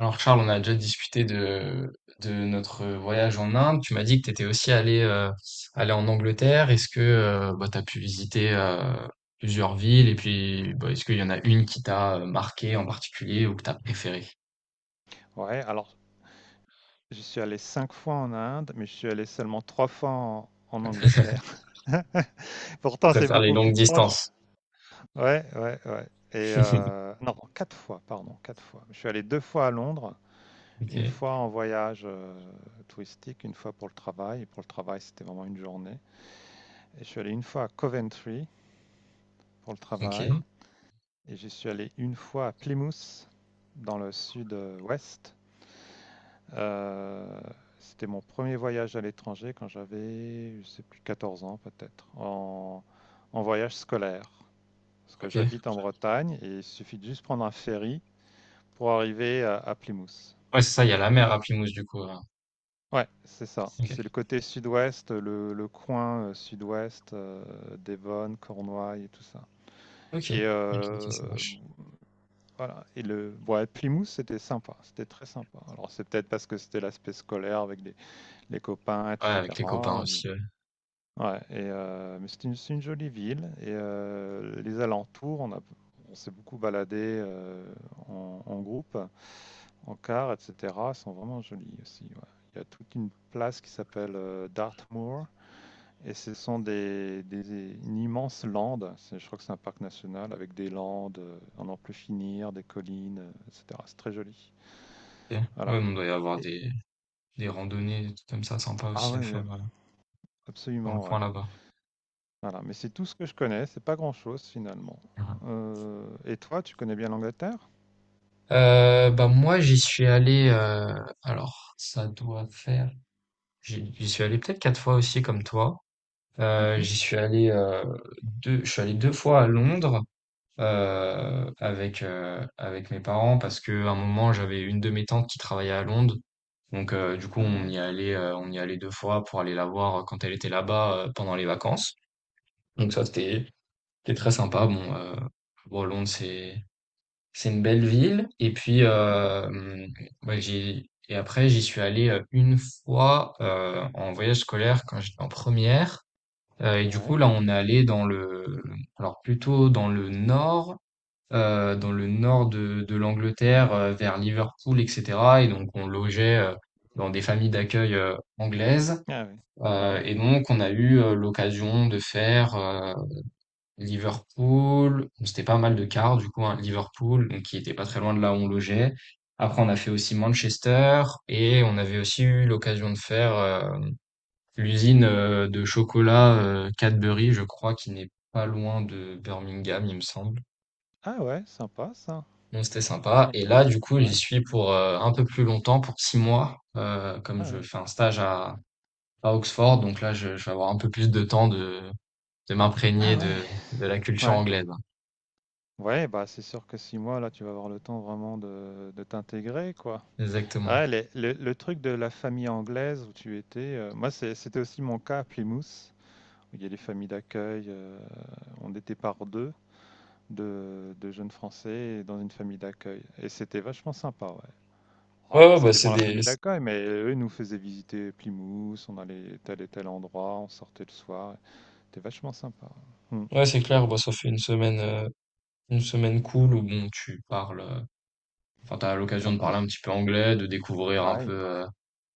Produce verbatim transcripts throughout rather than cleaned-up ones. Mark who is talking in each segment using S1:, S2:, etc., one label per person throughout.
S1: Alors Charles, on a déjà discuté de, de notre voyage en Inde. Tu m'as dit que tu étais aussi allé, euh, allé en Angleterre. Est-ce que euh, bah, tu as pu visiter euh, plusieurs villes et puis bah, est-ce qu'il y en a une qui t'a euh, marqué en particulier ou que tu as préféré? Je
S2: Ouais, alors je suis allé cinq fois en Inde, mais je suis allé seulement trois fois en, en Angleterre. Pourtant, c'est
S1: Préfère les
S2: beaucoup
S1: longues
S2: plus proche.
S1: distances.
S2: Ouais, ouais, ouais. Et euh, non, quatre fois, pardon, quatre fois. Je suis allé deux fois à Londres,
S1: Ok,
S2: une fois en voyage euh, touristique, une fois pour le travail. Et pour le travail, c'était vraiment une journée. Et je suis allé une fois à Coventry pour le travail.
S1: ok,
S2: Et je suis allé une fois à Plymouth, dans le sud-ouest. Euh, c'était mon premier voyage à l'étranger quand j'avais, je sais plus, quatorze ans peut-être, en, en voyage scolaire. Parce que
S1: ok.
S2: j'habite en Bretagne et il suffit de juste prendre un ferry pour arriver à, à Plymouth.
S1: Ouais, c'est ça, il y a la mer à Plymouth du coup. hein.
S2: Ouais, c'est ça. C'est le
S1: Ok,
S2: côté sud-ouest, le, le coin euh, sud-ouest, euh, Devon, Cornouailles et tout ça.
S1: ok,
S2: Et
S1: ok, ok,
S2: euh,
S1: ça marche.
S2: voilà. Et le, ouais, Plymouth, c'était sympa. C'était très sympa. Alors, c'est peut-être parce que c'était l'aspect scolaire avec des- les copains,
S1: Ouais, avec les copains
S2: et cetera.
S1: aussi. Ouais,
S2: Ouais et heu, mais c'est une c'est une jolie ville et heu, les alentours, on a on s'est beaucoup baladé, heu, en en groupe, en car et cetera, sont vraiment jolies aussi, ouais. Il y a toute une place qui s'appelle, heu, Dartmoor et ce sont des des des- une immense lande. C'est je crois que c'est un parc national avec des landes, heu, à n'en plus finir, des collines, heu, et cetera. C'est très joli.
S1: Ok.
S2: Voilà
S1: Ouais, mais on doit y avoir
S2: et
S1: des, des randonnées, des trucs comme ça, sympa
S2: ah
S1: aussi
S2: ouais,
S1: à
S2: ouais,
S1: faire euh, dans le
S2: absolument, ouais.
S1: coin là-bas.
S2: Voilà, mais c'est tout ce que je connais, c'est pas grand-chose finalement. Heu et toi, tu connais bien l'Angleterre?
S1: Euh, bah moi j'y suis allé euh, alors ça doit faire j'y j'y suis allé peut-être quatre fois aussi comme toi euh,
S2: Mmh.
S1: j'y suis allé euh, deux je suis allé deux fois à Londres euh, avec euh, avec mes parents parce que à un moment j'avais une de mes tantes qui travaillait à Londres donc euh, du coup
S2: Ah
S1: on
S2: ouais.
S1: y allait euh, on y allait deux fois pour aller la voir quand elle était là-bas euh, pendant les vacances. Donc ça, c'était c'était très sympa. Bon euh, bon Londres, c'est c'est une belle ville. Et puis,
S2: Mmh.
S1: euh, hum, ouais, j'ai, et après, j'y suis allé euh, une fois euh, en voyage scolaire quand j'étais en première. Euh, et du coup,
S2: Ouais.
S1: là, on est allé dans le, alors plutôt dans le nord, euh, dans le nord de, de l'Angleterre, euh, vers Liverpool, et cetera. Et donc, on logeait euh, dans des familles d'accueil euh, anglaises.
S2: Ah ouais. Ouais.
S1: Euh, et donc, on a eu euh, l'occasion de faire Liverpool. Bon, c'était pas mal de quarts du coup, hein, Liverpool, donc qui était pas très loin de là où on logeait. Après, on a fait aussi Manchester et on avait aussi eu l'occasion de faire euh, l'usine euh, de chocolat euh, Cadbury, je crois, qui n'est pas loin de Birmingham, il me semble.
S2: Ah ouais, sympa ça,
S1: Donc c'était sympa. Et
S2: sympa.
S1: là, du coup,
S2: Ouais.
S1: j'y suis pour euh, un peu plus longtemps, pour six mois, euh, comme
S2: Ah
S1: je
S2: oui.
S1: fais un stage à, à Oxford. Donc là, je, je vais avoir un peu plus de temps de, de m'imprégner
S2: Ah ouais.
S1: de, de la culture
S2: Ouais.
S1: anglaise. hein.
S2: Ouais, bah, c'est sûr que six mois là, tu vas avoir le temps vraiment de de t'intégrer quoi.
S1: Exactement.
S2: Ah les le le truc de la famille anglaise où tu étais, heu, moi c'est c'était aussi mon cas à Plymouth, où il y a des familles d'accueil, heu, on était par deux. de, de jeunes Français dans une famille d'accueil. Et c'était vachement sympa, ouais. Ouais,
S1: Ouais, ouais,
S2: ça
S1: bah, c'est
S2: dépend de la
S1: des,
S2: famille d'accueil, mais eux, ils nous faisaient visiter Plymouth, on allait tel et tel endroit, on sortait le soir. C'était vachement sympa. Mm.
S1: ouais, c'est clair, bah, ça fait une semaine, euh, une semaine cool où bon, tu parles, euh, enfin, t'as
S2: Et
S1: l'occasion
S2: en
S1: de parler un
S2: plus,
S1: petit peu anglais, de découvrir un peu,
S2: ouais.
S1: euh,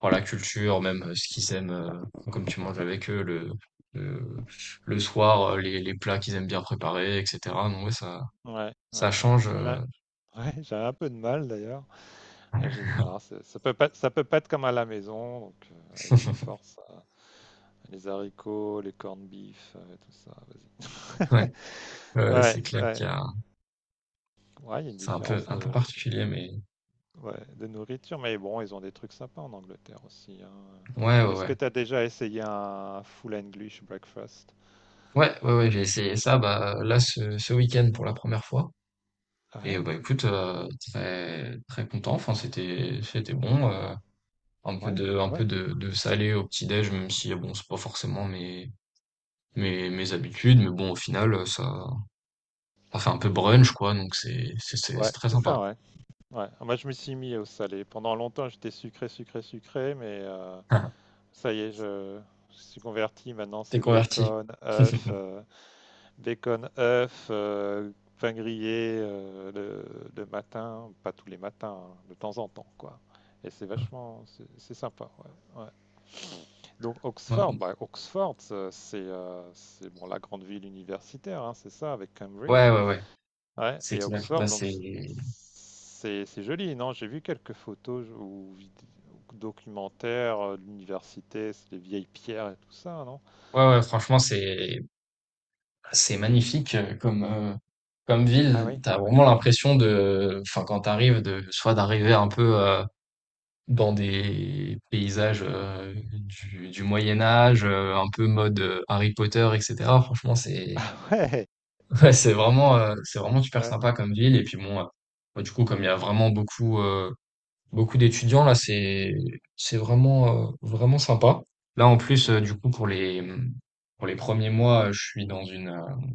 S1: voilà, la culture, même euh, ce qu'ils aiment, euh, comme tu manges avec eux le, le, le soir, euh, les, les plats qu'ils aiment bien préparer, et cetera. Donc, ouais, ça,
S2: Ouais, ouais,
S1: ça
S2: ouais.
S1: change,
S2: Ça, j'ai
S1: euh,
S2: ouais, j'ai un peu de mal d'ailleurs. Et j'ai dit non, c'est- ça peut pas, ça peut pas être comme à la maison. Donc, euh, allez, tu te forces. euh, les haricots, les corned beef, euh, tout ça. Vas-y.
S1: Ouais, ouais,
S2: Ouais,
S1: c'est clair
S2: ouais.
S1: qu'il y a,
S2: Ouais, il y a une
S1: c'est un peu,
S2: différence
S1: un peu
S2: de,
S1: particulier, mais
S2: ouais, de nourriture, mais bon, ils ont des trucs sympas en Angleterre aussi, hein.
S1: ouais, ouais,
S2: Est-ce que
S1: ouais,
S2: tu as déjà essayé un full English breakfast?
S1: ouais, ouais, ouais, j'ai essayé ça, bah, là, ce, ce week-end pour la première fois. Et euh,
S2: Ouais,
S1: bah écoute, heu, très très content, enfin c'était c'était bon, heu, un peu
S2: ouais,
S1: de un peu
S2: ouais.
S1: de de salé au petit-déj, même si euh, bon c'est pas forcément mes mes mes habitudes, mais bon au final, heu, ça ça fait un peu brunch quoi, donc c'est c'est c'est c'est
S2: Ouais,
S1: très
S2: c'est ça,
S1: sympa.
S2: ouais. Ouais. Moi, je me suis mis au salé. Pendant longtemps, j'étais sucré, sucré, sucré, mais euh, ça y est, je, je suis converti. Maintenant,
S1: T'es
S2: c'est
S1: converti.
S2: bacon, œuf, euh, bacon, œuf, euh, pain grillé euh, le, le matin, pas tous les matins, hein, de temps en temps, quoi. Et c'est vachement, c'est c'est sympa, ouais. Ouais. Donc Oxford, bah, Oxford, euh, c'est euh, c'est, bon, la grande ville universitaire, hein, c'est ça, avec
S1: Ouais,
S2: Cambridge.
S1: ouais, ouais,
S2: Ouais,
S1: c'est
S2: et
S1: clair.
S2: Oxford,
S1: Bah c'est
S2: donc c'est
S1: ouais,
S2: c'est- c'est joli, non? J'ai vu quelques photos ou vid- ou documentaires euh, de l'université, c'est les vieilles pierres et tout ça, non?
S1: ouais, franchement, c'est c'est magnifique, heu, comme, heu, comme
S2: Ah
S1: ville.
S2: oui.
S1: T'as vraiment l'impression de, enfin quand t'arrives, de soit d'arriver un peu, euh, dans des paysages euh, du, du Moyen Âge, euh, un peu mode euh, Harry Potter, et cetera. Franchement, c'est ouais, c'est vraiment euh, c'est vraiment
S2: Ah ouais.
S1: super
S2: Ouais.
S1: sympa comme ville. Et puis bon, euh, bah, du coup, comme il y a vraiment beaucoup euh, beaucoup d'étudiants là, c'est c'est vraiment euh, vraiment sympa. Là, en plus,
S2: Mm.
S1: euh, du coup, pour les pour les premiers mois, euh, je suis dans une euh,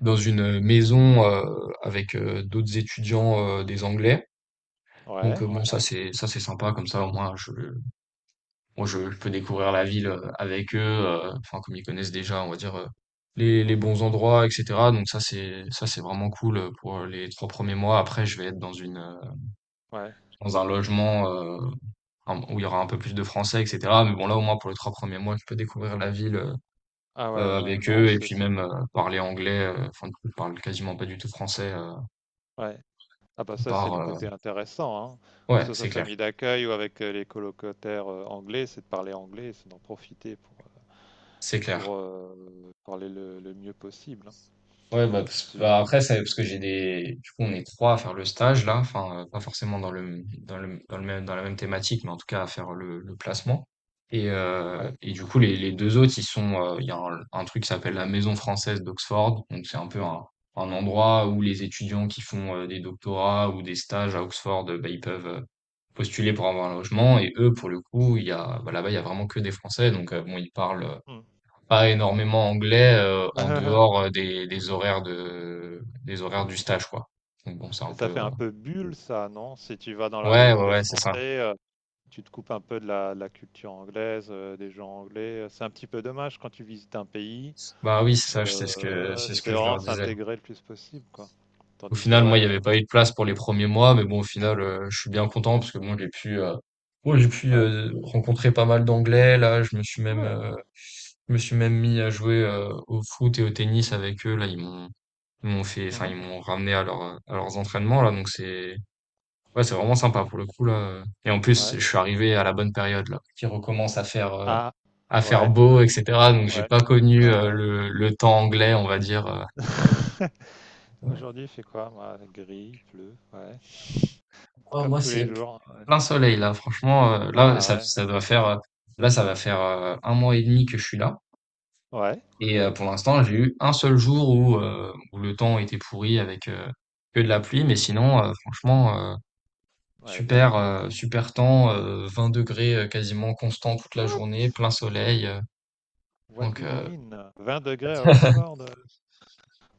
S1: dans une maison euh, avec euh, d'autres étudiants euh, des Anglais. Donc
S2: Ouais.
S1: euh, bon, Ouais. ça c'est ça c'est sympa comme ça, au moins je moi, je, je peux découvrir la ville euh, avec eux, euh, enfin, comme ils connaissent déjà, on va dire, euh, les, les
S2: Mhm.
S1: bons endroits, et cetera. Donc ça, c'est, ça, c'est vraiment cool euh, pour euh, les trois premiers mois. Après, je vais être dans une, euh,
S2: Ouais.
S1: dans un logement, euh, un- où il y aura un peu plus de français, et cetera. Mais bon, là, au moins, pour les trois premiers mois, je peux découvrir la ville, euh,
S2: Ah ouais,
S1: euh,
S2: ouais,
S1: avec
S2: non,
S1: eux et
S2: c'est
S1: puis
S2: c'est
S1: même, euh,
S2: bien.
S1: parler
S2: Mm.
S1: anglais. euh, Enfin, du coup, je parle quasiment pas du tout français, euh,
S2: Ouais. Ah bah
S1: à
S2: ça c'est
S1: part,
S2: le
S1: euh,
S2: côté intéressant, hein. Que
S1: ouais,
S2: ce soit
S1: c'est clair.
S2: famille d'accueil ou avec euh, les colocataires euh, anglais, c'est de parler anglais, c'est d'en profiter pour, euh,
S1: C'est
S2: pour
S1: clair.
S2: euh, parler le, le mieux possible, hein.
S1: Ouais, bah, parce- bah,
S2: Absolument.
S1: après, c'est parce que j'ai des. Du coup, on est trois à faire le stage là, enfin, euh, pas forcément dans le, dans le, dans le même, dans la même thématique, mais en tout cas à faire le, le placement. Et, euh,
S2: Ouais.
S1: et du coup, les, les deux autres, ils sont. euh, Il y a un, un truc qui s'appelle la Maison française d'Oxford. Donc, c'est un peu un, un endroit où les étudiants qui font euh, des doctorats ou des stages à Oxford, euh, bah, ils peuvent euh, postuler pour avoir un logement. Et eux, pour le coup, il y a, bah, là-bas, il y a vraiment que des Français. Donc, euh, bon, ils parlent
S2: Mm.
S1: pas
S2: Mm, mm.
S1: énormément anglais euh, en dehors euh, des, des horaires de des horaires du stage quoi. Donc bon, c'est un
S2: Et
S1: peu
S2: ça fait
S1: euh,
S2: un peu bulle ça, non? Si tu vas dans la
S1: ouais
S2: maison
S1: ouais
S2: des
S1: ouais, c'est ça.
S2: Français, euh, tu te coupes un peu de la, de la culture anglaise, euh, des gens anglais. euh, C'est un petit peu dommage quand tu visites un pays.
S1: Bah oui, c'est ça, c'est ce que
S2: euh,
S1: c'est ce
S2: c'est
S1: que je
S2: vraiment
S1: leur
S2: de
S1: disais.
S2: s'intégrer le plus possible, quoi.
S1: Au
S2: Tandis que
S1: final,
S2: ouais,
S1: moi, il n'y
S2: euh,
S1: avait pas eu de place pour les premiers mois, mais bon, au final, euh, je suis bien content parce que bon, j'ai pu euh, bon, j'ai pu
S2: ouais,
S1: euh, rencontrer pas mal d'anglais là, je me suis même
S2: ouais.
S1: euh, je me suis même mis à jouer euh, au foot et au tennis avec eux là, ils m'ont ils m'ont fait enfin ils
S2: Mhm.
S1: m'ont ramené à leur à leurs entraînements là, donc c'est Ouais, c'est vraiment sympa pour le coup là. Et en plus,
S2: Ouais.
S1: je suis arrivé à la bonne période là, qui recommence à faire euh,
S2: Ah,
S1: à faire
S2: ouais,
S1: beau, et cetera. Donc j'ai
S2: ouais,
S1: pas connu
S2: ouais,
S1: euh,
S2: ouais.
S1: le le temps anglais, on va dire. euh.
S2: Aujourd'hui, il fait quoi, moi? Gris, il pleut, ouais.
S1: Oh,
S2: Comme
S1: moi
S2: tous
S1: c'est
S2: les jours. Ouais.
S1: plein soleil là. Franchement, euh, là
S2: Ah,
S1: ça
S2: ouais.
S1: ça doit faire euh, là ça va faire euh, un mois et demi que je suis là.
S2: Ouais.
S1: Et euh, pour l'instant, j'ai eu un seul jour où euh, où le temps était pourri avec euh, que de la pluie, mais sinon euh, franchement euh,
S2: Ouais, bien.
S1: super euh, super temps, euh, vingt degrés euh, quasiment constant toute la
S2: What?
S1: journée, plein soleil. euh,
S2: What
S1: Donc,
S2: do you
S1: euh,
S2: mean? Vingt degrés à Oxford? euh.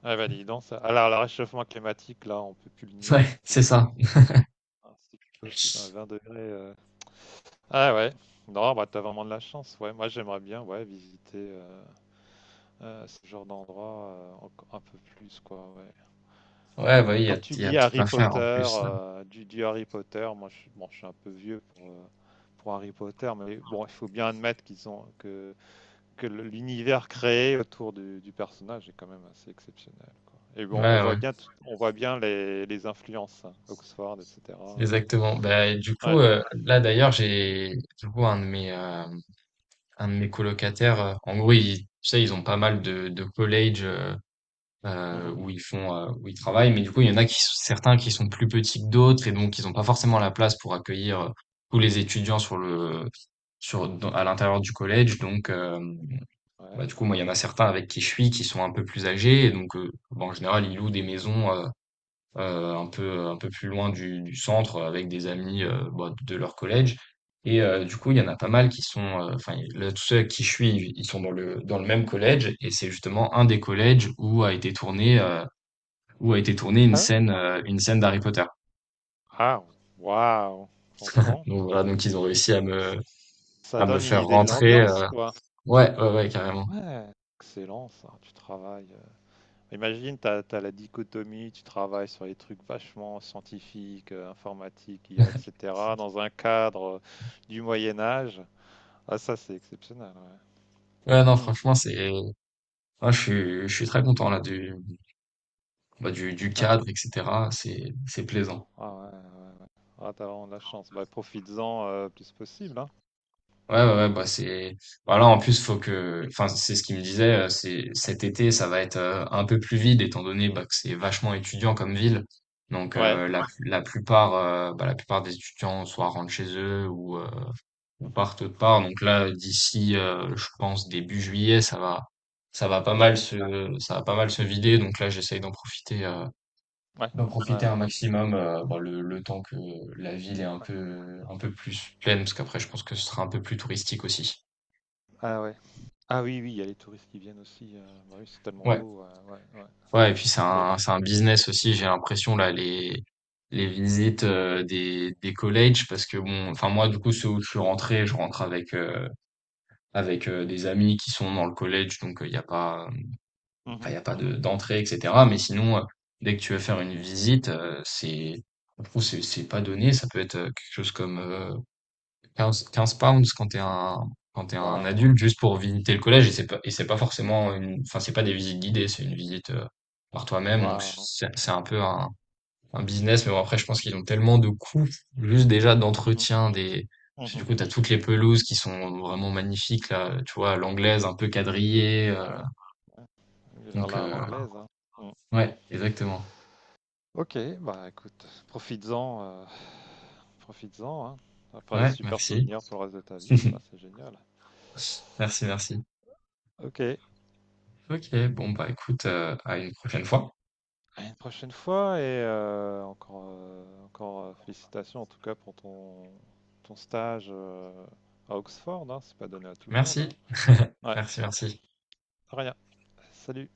S2: Ah, bah, dis donc, ça. Alors, le réchauffement climatique, là, on peut plus le nier, hein,
S1: ouais,
S2: c'est
S1: c'est
S2: plus
S1: ça.
S2: possible. Ah, c'est plus possible, hein, vingt degrés. euh. Ah, ouais. Non, bah, t'as vraiment de la chance, ouais. Moi, j'aimerais bien, ouais, visiter euh, euh, ce genre d'endroit euh, enco- un peu plus, quoi, ouais.
S1: Ouais, bah, oui, il y a,
S2: Comme tu
S1: il y a
S2: dis,
S1: tout
S2: Harry
S1: à faire
S2: Potter,
S1: en plus. hein.
S2: euh, du, du Harry Potter, moi je, suis- bon, je suis un peu vieux pour, euh, pour Harry Potter, mais bon, il faut bien admettre qu'ils ont, que, que le- l'univers créé autour du, du personnage est quand même assez exceptionnel, quoi. Et bon, on
S1: Ouais,
S2: voit
S1: ouais,
S2: bien, tout- on voit bien les, les influences, hein, Oxford, et cetera.
S1: exactement. Bah, et du
S2: Ouais.
S1: coup, euh, là d'ailleurs, j'ai du coup un de mes, euh, un de mes colocataires. Euh, en gros, ils, tu sais, ils ont pas mal de, de collèges euh, euh,
S2: Mhm.
S1: où ils font, euh, où ils travaillent, mais du coup, il y en a qui, sont- certains qui sont plus petits que d'autres, et donc ils n'ont pas forcément la place pour accueillir euh, tous les étudiants sur le, sur, dans- à l'intérieur du collège. Donc, euh,
S2: Ouais.
S1: Bah, du coup, moi, il y en a certains avec qui je suis qui sont un peu plus âgés. Et donc, euh, bah, en général, ils louent des maisons euh, euh, un peu, un peu plus loin du, du centre euh, avec des amis euh,
S2: Mhm.
S1: bah, de leur collège. Et euh, du coup, il y en a pas mal qui sont, euh, enfin, là, tous ceux avec qui je suis, ils ils sont dans le, dans le même collège. Et c'est justement un des collèges où a été tourné, euh, où a été tournée une
S2: Ah,
S1: scène, euh, une scène d'Harry Potter.
S2: ah, waouh, franchement,
S1: Donc voilà, donc ils ont réussi à me,
S2: ça
S1: à me
S2: donne une
S1: faire
S2: idée de
S1: rentrer.
S2: l'ambiance,
S1: euh,
S2: quoi.
S1: Ouais, ouais, ouais, carrément.
S2: Ouais, excellent ça, tu travailles. Imagine, tu as, la dichotomie, tu travailles sur les trucs vachement scientifiques, euh, informatiques, I A, et cetera, dans un cadre euh, du Moyen Âge. Ah, ça, c'est exceptionnel.
S1: Ouais, non,
S2: Ouais. Mm.
S1: franchement, c'est, moi, je suis, je suis très content là du, bah, du, du
S2: Ouais.
S1: cadre, et cetera. C'est, c'est plaisant.
S2: Ah, ouais, ouais, ouais. Ah, t'as vraiment de la chance. Bah, profites-en euh, plus possible. Hein.
S1: Ouais, ouais, ouais, bah c'est. Voilà, en plus, faut que. Enfin, c'est ce qu'il me disait, euh, c'est cet été, ça va être euh, un peu plus vide, étant donné bah, que c'est vachement étudiant comme ville. Donc
S2: Ouais.
S1: euh, la, la plupart euh, bah, la plupart des étudiants soit rentrent chez eux ou, euh, ou
S2: Mhm.
S1: partent autre part. Donc là, d'ici, euh, je pense, début juillet, ça va ça va pas mal
S2: Ouais.
S1: se ça va pas mal se
S2: C'est
S1: vider.
S2: vidé.
S1: Donc là, j'essaye d'en profiter. euh,
S2: Ouais.
S1: d'en
S2: Ouais,
S1: profiter un
S2: ouais.
S1: maximum euh, bah, le, le temps que la ville est un
S2: Ouais.
S1: peu un peu plus pleine parce qu'après je pense que ce sera un peu plus touristique aussi.
S2: Ah, ouais. Ah, oui, oui, il y a les touristes qui viennent aussi. Euh, bah oui, c'est tellement
S1: Ouais.
S2: beau. Ouais, ouais, ouais.
S1: Ouais, et puis c'est
S2: Ok.
S1: un c'est un business aussi, j'ai l'impression là les les visites euh, des des collèges parce que bon enfin moi du coup ceux où je suis rentré, je rentre avec euh, avec euh, des amis qui sont dans le collège donc euh, il n'y a pas enfin il
S2: Mhm.
S1: y a pas de d'entrée et cetera mais sinon euh, dès que tu veux faire une visite, euh, c'est je trouve c'est c'est pas donné, ça peut être euh, quelque chose comme euh, quinze 15 pounds quand t'es un, quand t'es un
S2: Waouh.
S1: adulte juste pour visiter le collège et c'est pas, et c'est pas forcément une, enfin, c'est pas des visites guidées, c'est une visite euh, par toi-même. Donc,
S2: Waouh.
S1: c'est c'est un
S2: Waouh.
S1: peu un, un business. Mais bon, après, je pense qu'ils ont tellement de coûts, juste déjà
S2: Mhm.
S1: d'entretien des, parce que du
S2: Mhm.
S1: coup, t'as toutes les pelouses qui sont vraiment magnifiques, là, tu vois, l'anglaise un peu quadrillée. euh,
S2: Ah ouais, ouais. Genre
S1: Donc,
S2: là, à
S1: euh, voilà.
S2: l'anglaise, hein. Mm.
S1: Ouais, exactement.
S2: Ok, bah écoute, profites-en, euh, profites-en, hein. Ça va faire des
S1: Ouais,
S2: super
S1: merci.
S2: souvenirs pour le reste de ta vie, quoi, c'est génial.
S1: Merci, merci.
S2: Ok,
S1: Ok, bon, bah, écoute, euh, à une prochaine fois.
S2: à une prochaine fois et euh, encore, euh, encore euh, félicitations en tout cas pour ton, ton stage euh, à Oxford, hein. C'est pas donné à tout le monde, hein.
S1: Merci,
S2: Ouais,
S1: merci, merci.
S2: de rien. Salut.